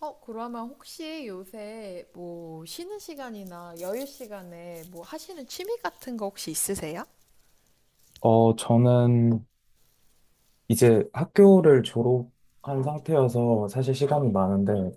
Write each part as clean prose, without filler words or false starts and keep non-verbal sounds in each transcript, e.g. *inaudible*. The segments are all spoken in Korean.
그러면 혹시 요새 뭐 쉬는 시간이나 여유 시간에 뭐 하시는 취미 같은 거 혹시 있으세요? 저는 이제 학교를 졸업한 상태여서 사실 시간이 많은데,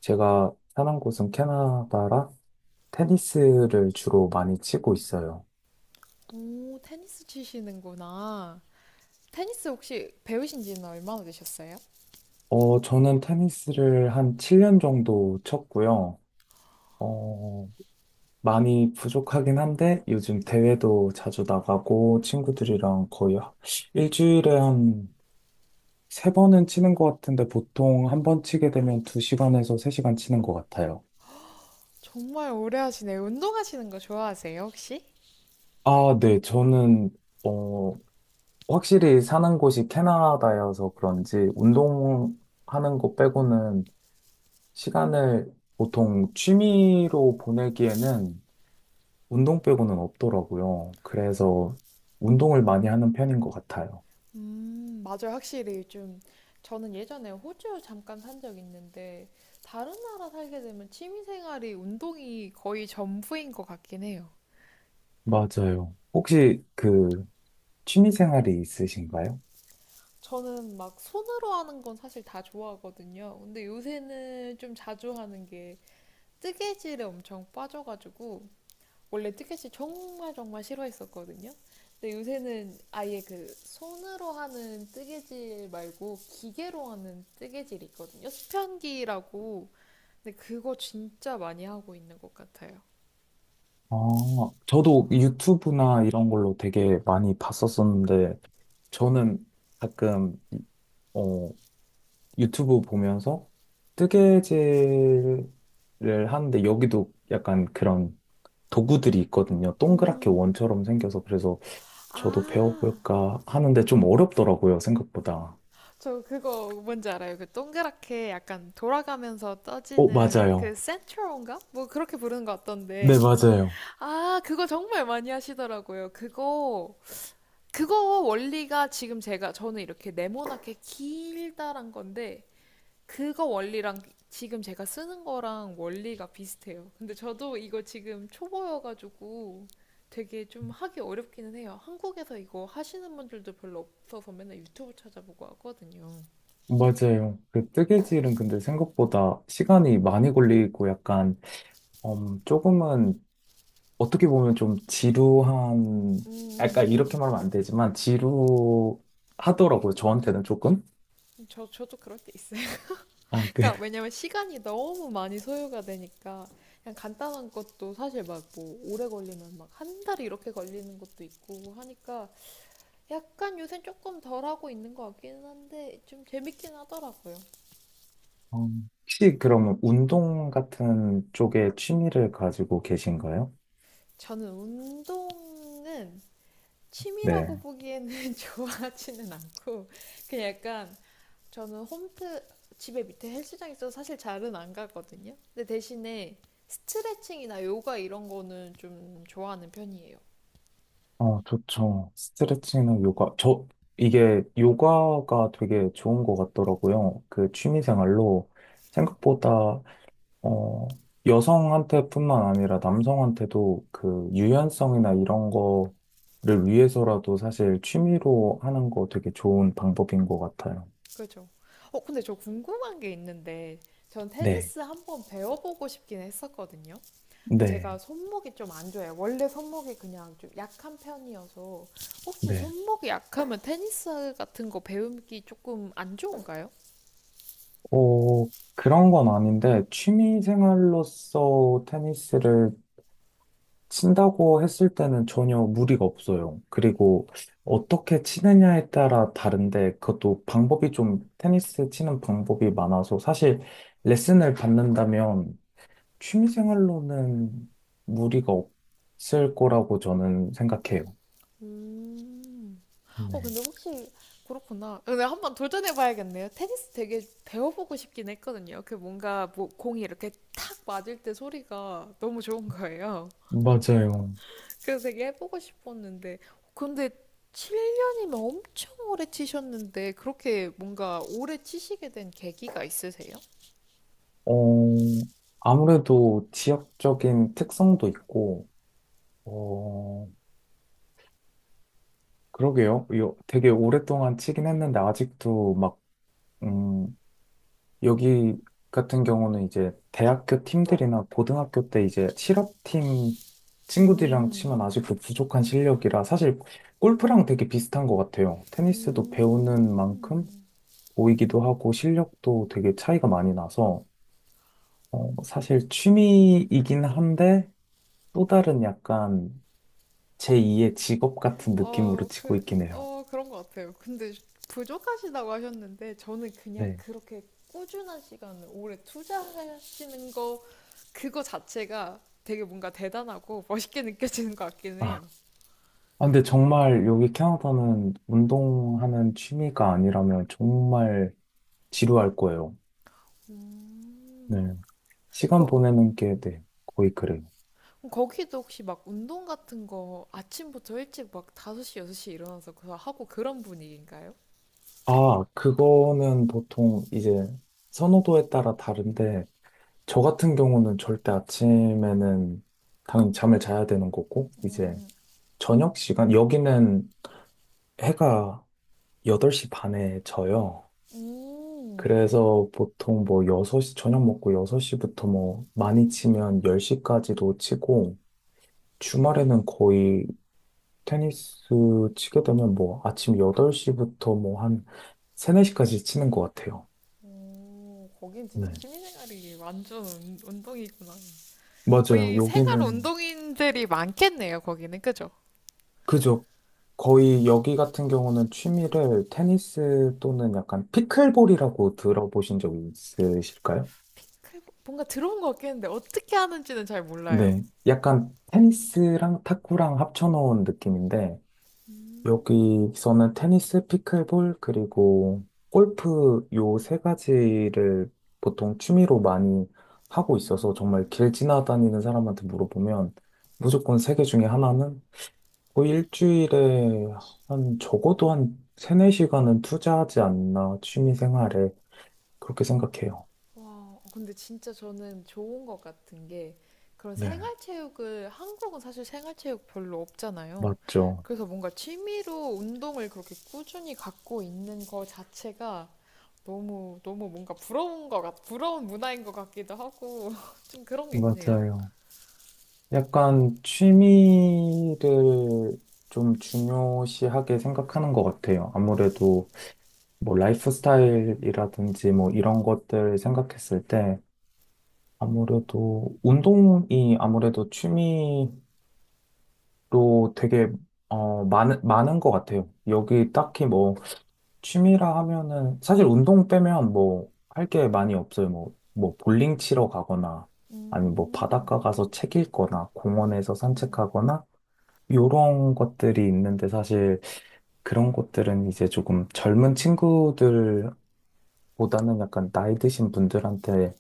제가 사는 곳은 캐나다라 테니스를 주로 많이 치고 있어요. 오, 테니스 치시는구나. 테니스 혹시 배우신 지는 얼마나 되셨어요? 저는 테니스를 한 7년 정도 쳤고요. 어, 많이 부족하긴 한데, 요즘 대회도 자주 나가고, 친구들이랑 거의 일주일에 한 세 번은 치는 것 같은데, 보통 한 번 치게 되면 2시간에서 3시간 치는 것 같아요. 정말 오래 하시네요. 운동하시는 거 좋아하세요, 혹시? 아, 네. 저는, 어, 확실히 사는 곳이 캐나다여서 그런지 운동하는 거 빼고는 시간을 보통 취미로 보내기에는 운동 빼고는 없더라고요. 그래서 운동을 많이 하는 편인 것 같아요. 맞아요. 확실히 좀 저는 예전에 호주 잠깐 산 적 있는데 다른 나라 살게 되면 취미 생활이 운동이 거의 전부인 것 같긴 해요. 맞아요. 혹시 그 취미 생활이 있으신가요? 저는 막 손으로 하는 건 사실 다 좋아하거든요. 근데 요새는 좀 자주 하는 게 뜨개질에 엄청 빠져가지고 원래 뜨개질 정말 정말 싫어했었거든요. 근데 요새는 아예 그 손으로 하는 뜨개질 말고 기계로 하는 뜨개질이 있거든요. 수편기라고. 근데 그거 진짜 많이 하고 있는 것 같아요. 아, 저도 유튜브나 이런 걸로 되게 많이 봤었었는데 저는 가끔 어, 유튜브 보면서 뜨개질을 하는데 여기도 약간 그런 도구들이 있거든요. 동그랗게 음, 원처럼 생겨서 그래서 저도 아, 배워볼까 하는데 좀 어렵더라고요, 생각보다. 저 그거 뭔지 알아요? 그 동그랗게 약간 돌아가면서 어, 떠지는 맞아요. 그 센트론가? 뭐 그렇게 부르는 것 같던데. 네, 맞아요. 아, 그거 정말 많이 하시더라고요. 그거 원리가 지금 제가, 저는 이렇게 네모나게 길다란 건데, 그거 원리랑 지금 제가 쓰는 거랑 원리가 비슷해요. 근데 저도 이거 지금 초보여가지고 되게 좀 하기 어렵기는 해요. 한국에서 이거 하시는 분들도 별로 없어서 맨날 유튜브 찾아보고 하거든요. 맞아요. 그 뜨개질은 근데 생각보다 시간이 많이 걸리고 약간 조금은 어떻게 보면 좀 지루한 음, 약간 음, 이렇게 말하면 안 되지만 지루하더라고요. 저한테는 조금. 저도 그럴 때 있어요. *laughs* 아, 그 그러니까 왜냐면 시간이 너무 많이 소요가 되니까 그냥 간단한 것도 사실 막 뭐 오래 걸리면 막 한 달 이렇게 걸리는 것도 있고 하니까 약간 요새 조금 덜 하고 있는 것 같기는 한데 좀 재밌긴 하더라고요. 어, 혹시 그럼 운동 같은 쪽에 취미를 가지고 계신가요? 저는 운동은 취미라고 네. 보기에는 *laughs* 좋아하지는 않고 그냥 약간 저는 홈트 집에 밑에 헬스장 있어서 사실 잘은 안 가거든요. 근데 대신에 스트레칭이나 요가 이런 거는 좀 좋아하는 편이에요. 어, 좋죠. 스트레칭이나 요가. 저, 이게 요가가 되게 좋은 것 같더라고요. 그 취미 생활로 생각보다, 어, 여성한테뿐만 아니라 남성한테도 그 유연성이나 이런 거를 위해서라도 사실 취미로 하는 거 되게 좋은 방법인 것 같아요. 그렇죠. 근데 저 궁금한 게 있는데 전 네. 테니스 한번 배워보고 싶긴 했었거든요. 근데 제가 네. 손목이 좀 안 좋아요. 원래 손목이 그냥 좀 약한 편이어서 혹시 네. 손목이 약하면 테니스 같은 거 배우기 조금 안 좋은가요? 어, 그런 건 아닌데, 취미 생활로서 테니스를 친다고 했을 때는 전혀 무리가 없어요. 그리고 어떻게 치느냐에 따라 다른데, 그것도 방법이 좀, 테니스 치는 방법이 많아서, 사실 레슨을 받는다면 취미 생활로는 무리가 없을 거라고 저는 생각해요. 음. 네. 근데 혹시 그렇구나. 근데 한번 도전해 봐야겠네요. 테니스 되게 배워보고 싶긴 했거든요. 그 뭔가 뭐 공이 이렇게 탁 맞을 때 소리가 너무 좋은 거예요. 맞아요. 그래서 되게 해보고 싶었는데. 근데 7년이면 엄청 오래 치셨는데 그렇게 뭔가 오래 치시게 된 계기가 있으세요? 어, 아무래도 지역적인 특성도 있고, 어, 그러게요. 이 되게 오랫동안 치긴 했는데 아직도 막, 음, 여기 같은 경우는 이제 대학교 팀들이나 고등학교 때 이제 실업팀 친구들이랑 음. 치면 아직도 부족한 실력이라 사실 골프랑 되게 비슷한 것 같아요. 테니스도 배우는 만큼 음. 보이기도 하고 실력도 되게 차이가 많이 나서 사실 취미이긴 한데 또 다른 약간 제2의 직업 같은 느낌으로 어, 치고 그, 있긴 해요. 그런 것 같아요. 근데 부족하시다고 하셨는데, 저는 그냥 네. 그렇게 꾸준한 시간을 오래 투자하시는 거, 그거 자체가 되게 뭔가 대단하고 멋있게 느껴지는 것 같긴 아, 해요. 아, 근데 정말 여기 캐나다는 운동하는 취미가 아니라면 정말 지루할 거예요. 음. 네. 시간 거, 보내는 게 네, 거의 그래요. 거기도 혹시 막 운동 같은 거 아침부터 일찍 막 5시, 6시 일어나서 그거 하고 그런 분위기인가요? 아, 그거는 보통 이제 선호도에 따라 다른데, 저 같은 경우는 절대 아침에는 당연히 잠을 자야 되는 거고, 이제 음, 저녁 시간, 여기는 해가 8시 반에 져요. 음. 그래서 보통 뭐 6시 저녁 먹고 6시부터 뭐 많이 치면 10시까지도 치고, 주말에는 거의 테니스 치게 되면 뭐 아침 8시부터 뭐 한 3, 4시까지 치는 것 같아요. 오, 거긴 진짜 네. 취미생활이 완전 운동이구나. 맞아요. 거의 생활 여기는, 운동인들이 많겠네요, 거기는. 그죠? 그죠. 거의 여기 같은 경우는 취미를 테니스 또는 약간 피클볼이라고 들어보신 적 있으실까요? 뭔가 들어온 것 같겠는데 어떻게 하는지는 잘 몰라요. 네. 약간 테니스랑 탁구랑 합쳐놓은 느낌인데, 음, 여기서는 테니스, 피클볼, 그리고 골프 요 세 가지를 보통 취미로 많이 하고 있어서 정말 길 음. 지나다니는 사람한테 물어보면 무조건 세 개 중에 하나는 거의 일주일에 한 적어도 한 세네 시간은 투자하지 않나 취미 생활에 그렇게 생각해요. 와, 근데 진짜 저는 좋은 것 같은 게 그런 네, 생활체육을 한국은 사실 생활체육 별로 없잖아요. 맞죠. 그래서 뭔가 취미로 운동을 그렇게 꾸준히 갖고 있는 거 자체가 너무 너무 뭔가 부러운 문화인 것 같기도 하고 *laughs* 좀 그런 게 있네요. 맞아요. 약간 취미를 좀 중요시하게 생각하는 것 같아요. 아무래도 뭐 라이프 스타일이라든지 뭐 이런 것들 생각했을 때 아무래도 운동이 아무래도 취미로 되게 많은 것 같아요. 여기 딱히 뭐 취미라 하면은 사실 운동 빼면 뭐 할 게 많이 없어요. 뭐 볼링 치러 가거나 아니면 뭐 바닷가 음. 가서 책 읽거나 공원에서 산책하거나 요런 것들이 있는데 사실 그런 것들은 이제 조금 젊은 친구들 보다는 약간 나이 드신 분들한테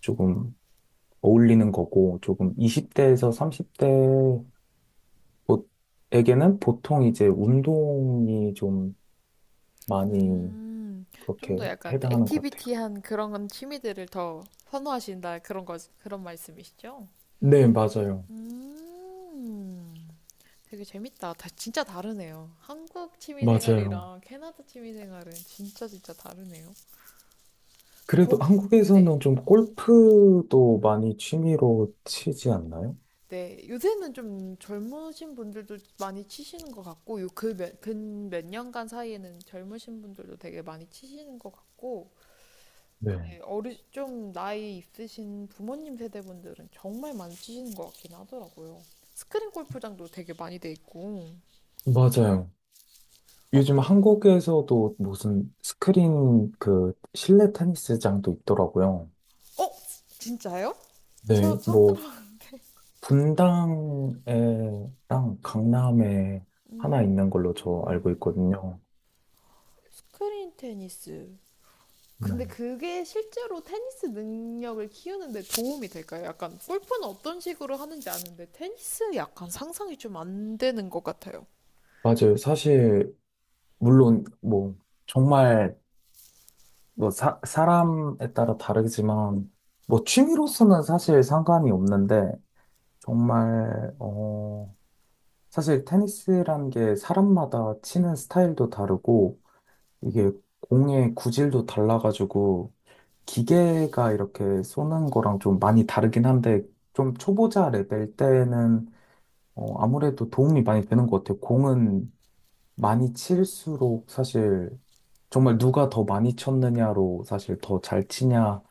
조금 어울리는 거고, 조금 20대에서 30대에게는 보통 이제 운동이 좀 많이 음, 좀 그렇게 더 약간 해당하는 것 같아요. 액티비티한 그런 취미들을 더 선호하신다 그런 거 그런 말씀이시죠? 네, 맞아요. 음, 되게 재밌다. 진짜 다르네요. 한국 취미 맞아요. 생활이랑 캐나다 취미 생활은 진짜 진짜 다르네요. 그래도 거기 네. 한국에서는 좀 골프도 많이 취미로 치지 않나요? 네, 요새는 좀 젊으신 분들도 많이 치시는 것 같고, 요 그 근 몇 년간 사이에는 젊으신 분들도 되게 많이 치시는 것 같고, 네. 어르 좀 나이 있으신 부모님 세대분들은 정말 많이 치시는 것 같긴 하더라고요. 스크린 골프장도 되게 많이 돼 있고. 맞아요. 어, 요즘 한국에서도 무슨 스크린 그 실내 테니스장도 있더라고요. 어, 진짜요? 네, 저 뭐 상담. 분당에랑 강남에 하나 있는 걸로 저 알고 음, 있거든요. 스크린 테니스. 네. 근데 그게 실제로 테니스 능력을 키우는데 도움이 될까요? 약간 골프는 어떤 식으로 하는지 아는데 테니스 약간 상상이 좀 안 되는 것 같아요. 맞아요. 사실, 물론, 뭐, 정말, 뭐, 사람에 따라 다르지만, 뭐, 취미로서는 사실 상관이 없는데, 정말, 사실 테니스란 게 사람마다 치는 스타일도 다르고, 이게 공의 구질도 달라가지고, 기계가 이렇게 쏘는 거랑 좀 많이 다르긴 한데, 좀 초보자 레벨 때는 아무래도 도움이 많이 되는 것 같아요. 공은 많이 칠수록 사실 정말 누가 더 많이 쳤느냐로 사실 더 잘 치냐,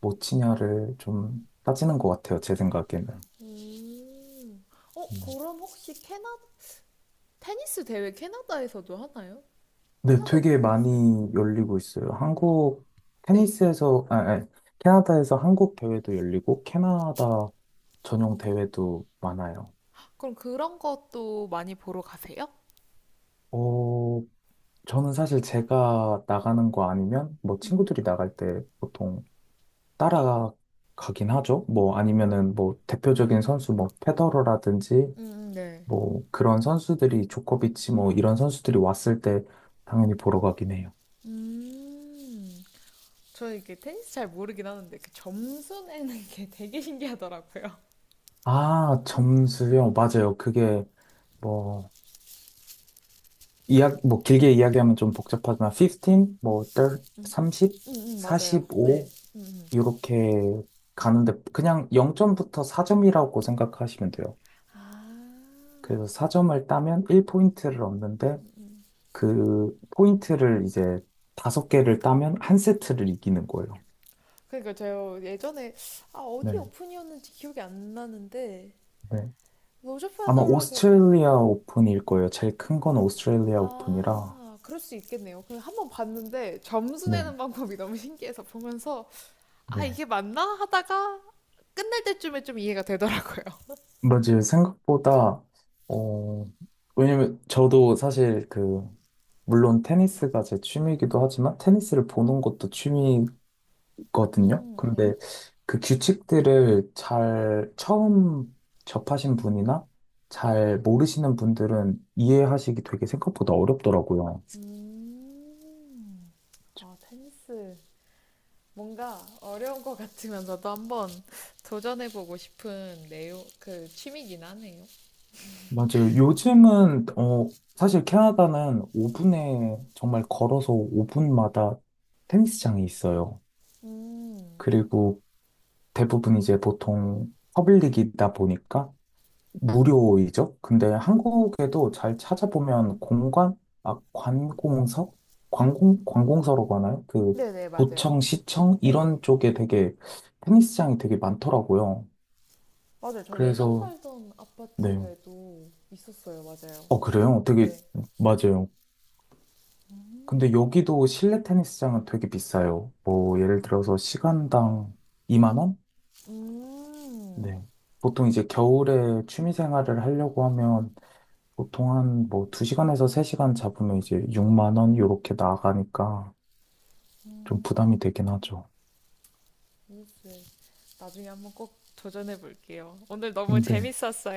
못 치냐를 좀 따지는 것 같아요. 제 생각에는. 음. 음. 그럼 혹시 캐나 테니스 대회 캐나다에서도 하나요? 네, 캐나다 되게 오픈이 있어요. 많이 열리고 있어요. 한국 네. 테니스에서, 아, 아, 캐나다에서 한국 대회도 열리고, 캐나다 전용 대회도 많아요. 그럼 그런 것도 많이 보러 가세요? 어, 저는 사실 제가 나가는 거 아니면 뭐 음. 친구들이 나갈 때 보통 따라가긴 하죠. 뭐 아니면은 뭐 대표적인 선수 뭐 페더러라든지 네. 뭐 그런 선수들이 조코비치 뭐 이런 선수들이 왔을 때 당연히 보러 가긴 해요. 음. 저 이게 테니스 잘 모르긴 하는데 그 점수 내는 *laughs* 게 되게 신기하더라고요. 아, 점수요? 맞아요. 그게 뭐 이야 뭐 길게 이야기하면 좀 복잡하지만 15, 뭐3 30, *laughs* 맞아요. 네. 45 음, 음. 이렇게 가는데 그냥 0점부터 4점이라고 생각하시면 돼요. 아. 그래서 4점을 따면 1포인트를 얻는데 그 포인트를 이제 다섯 개를 따면 한 세트를 이기는 거예요. 그러니까 제가 예전에 어디 네, 오픈이었는지 기억이 안 나는데 네. 로저파 아마 더러고 오스트레일리아 오픈일 거예요. 제일 큰 건 오스트레일리아 오픈이라. 아 그럴 수 있겠네요. 그냥 한번 봤는데 점수 네, 내는 방법이 너무 신기해서 보면서 네. 이게 맞나 하다가 끝날 때쯤에 좀 이해가 되더라고요. 맞아요. 생각보다, 어, 왜냐면 저도 사실 그, 물론 테니스가 제 취미이기도 하지만 테니스를 보는 것도 취미 거든요. 네. 그런데 그 규칙들을 잘 처음 접하신 분이나 잘 모르시는 분들은 이해하시기 되게 생각보다 어렵더라고요. 음, 아, 테니스. 뭔가 어려운 것 같으면서도 한번 *laughs* 도전해보고 싶은 내용, 그 취미긴 하네요. 맞아요. 요즘은 사실 캐나다는 5분에 정말 걸어서 5분마다 테니스장이 있어요. 음, 그리고 대부분 이제 보통 퍼블릭이다 보니까 무료이죠? 근데 한국에도 잘 찾아보면 공관, 아, 관공서? 관공, 관공서라고 하나요? 그, 네네, 맞아요. 도청, 시청? 네네. 이런 쪽에 되게 테니스장이 되게 많더라고요. 맞아요. 저 예전 그래서, 살던 네. 아파트에도 있었어요. 맞아요. 어, 그래요? 되게, 네. 맞아요. 근데 여기도 실내 테니스장은 되게 비싸요. 뭐, 아, 예를 들어서 시간당 2만 원? 음, 네. 보통 이제 겨울에 취미 생활을 하려고 하면 보통 한 뭐 2시간에서 3시간 잡으면 이제 6만 원 요렇게 나가니까 좀 부담이 음, 되긴 하죠. 테니스. 나중에 한번 꼭 도전해볼게요. 오늘 너무 근데 재밌었어요.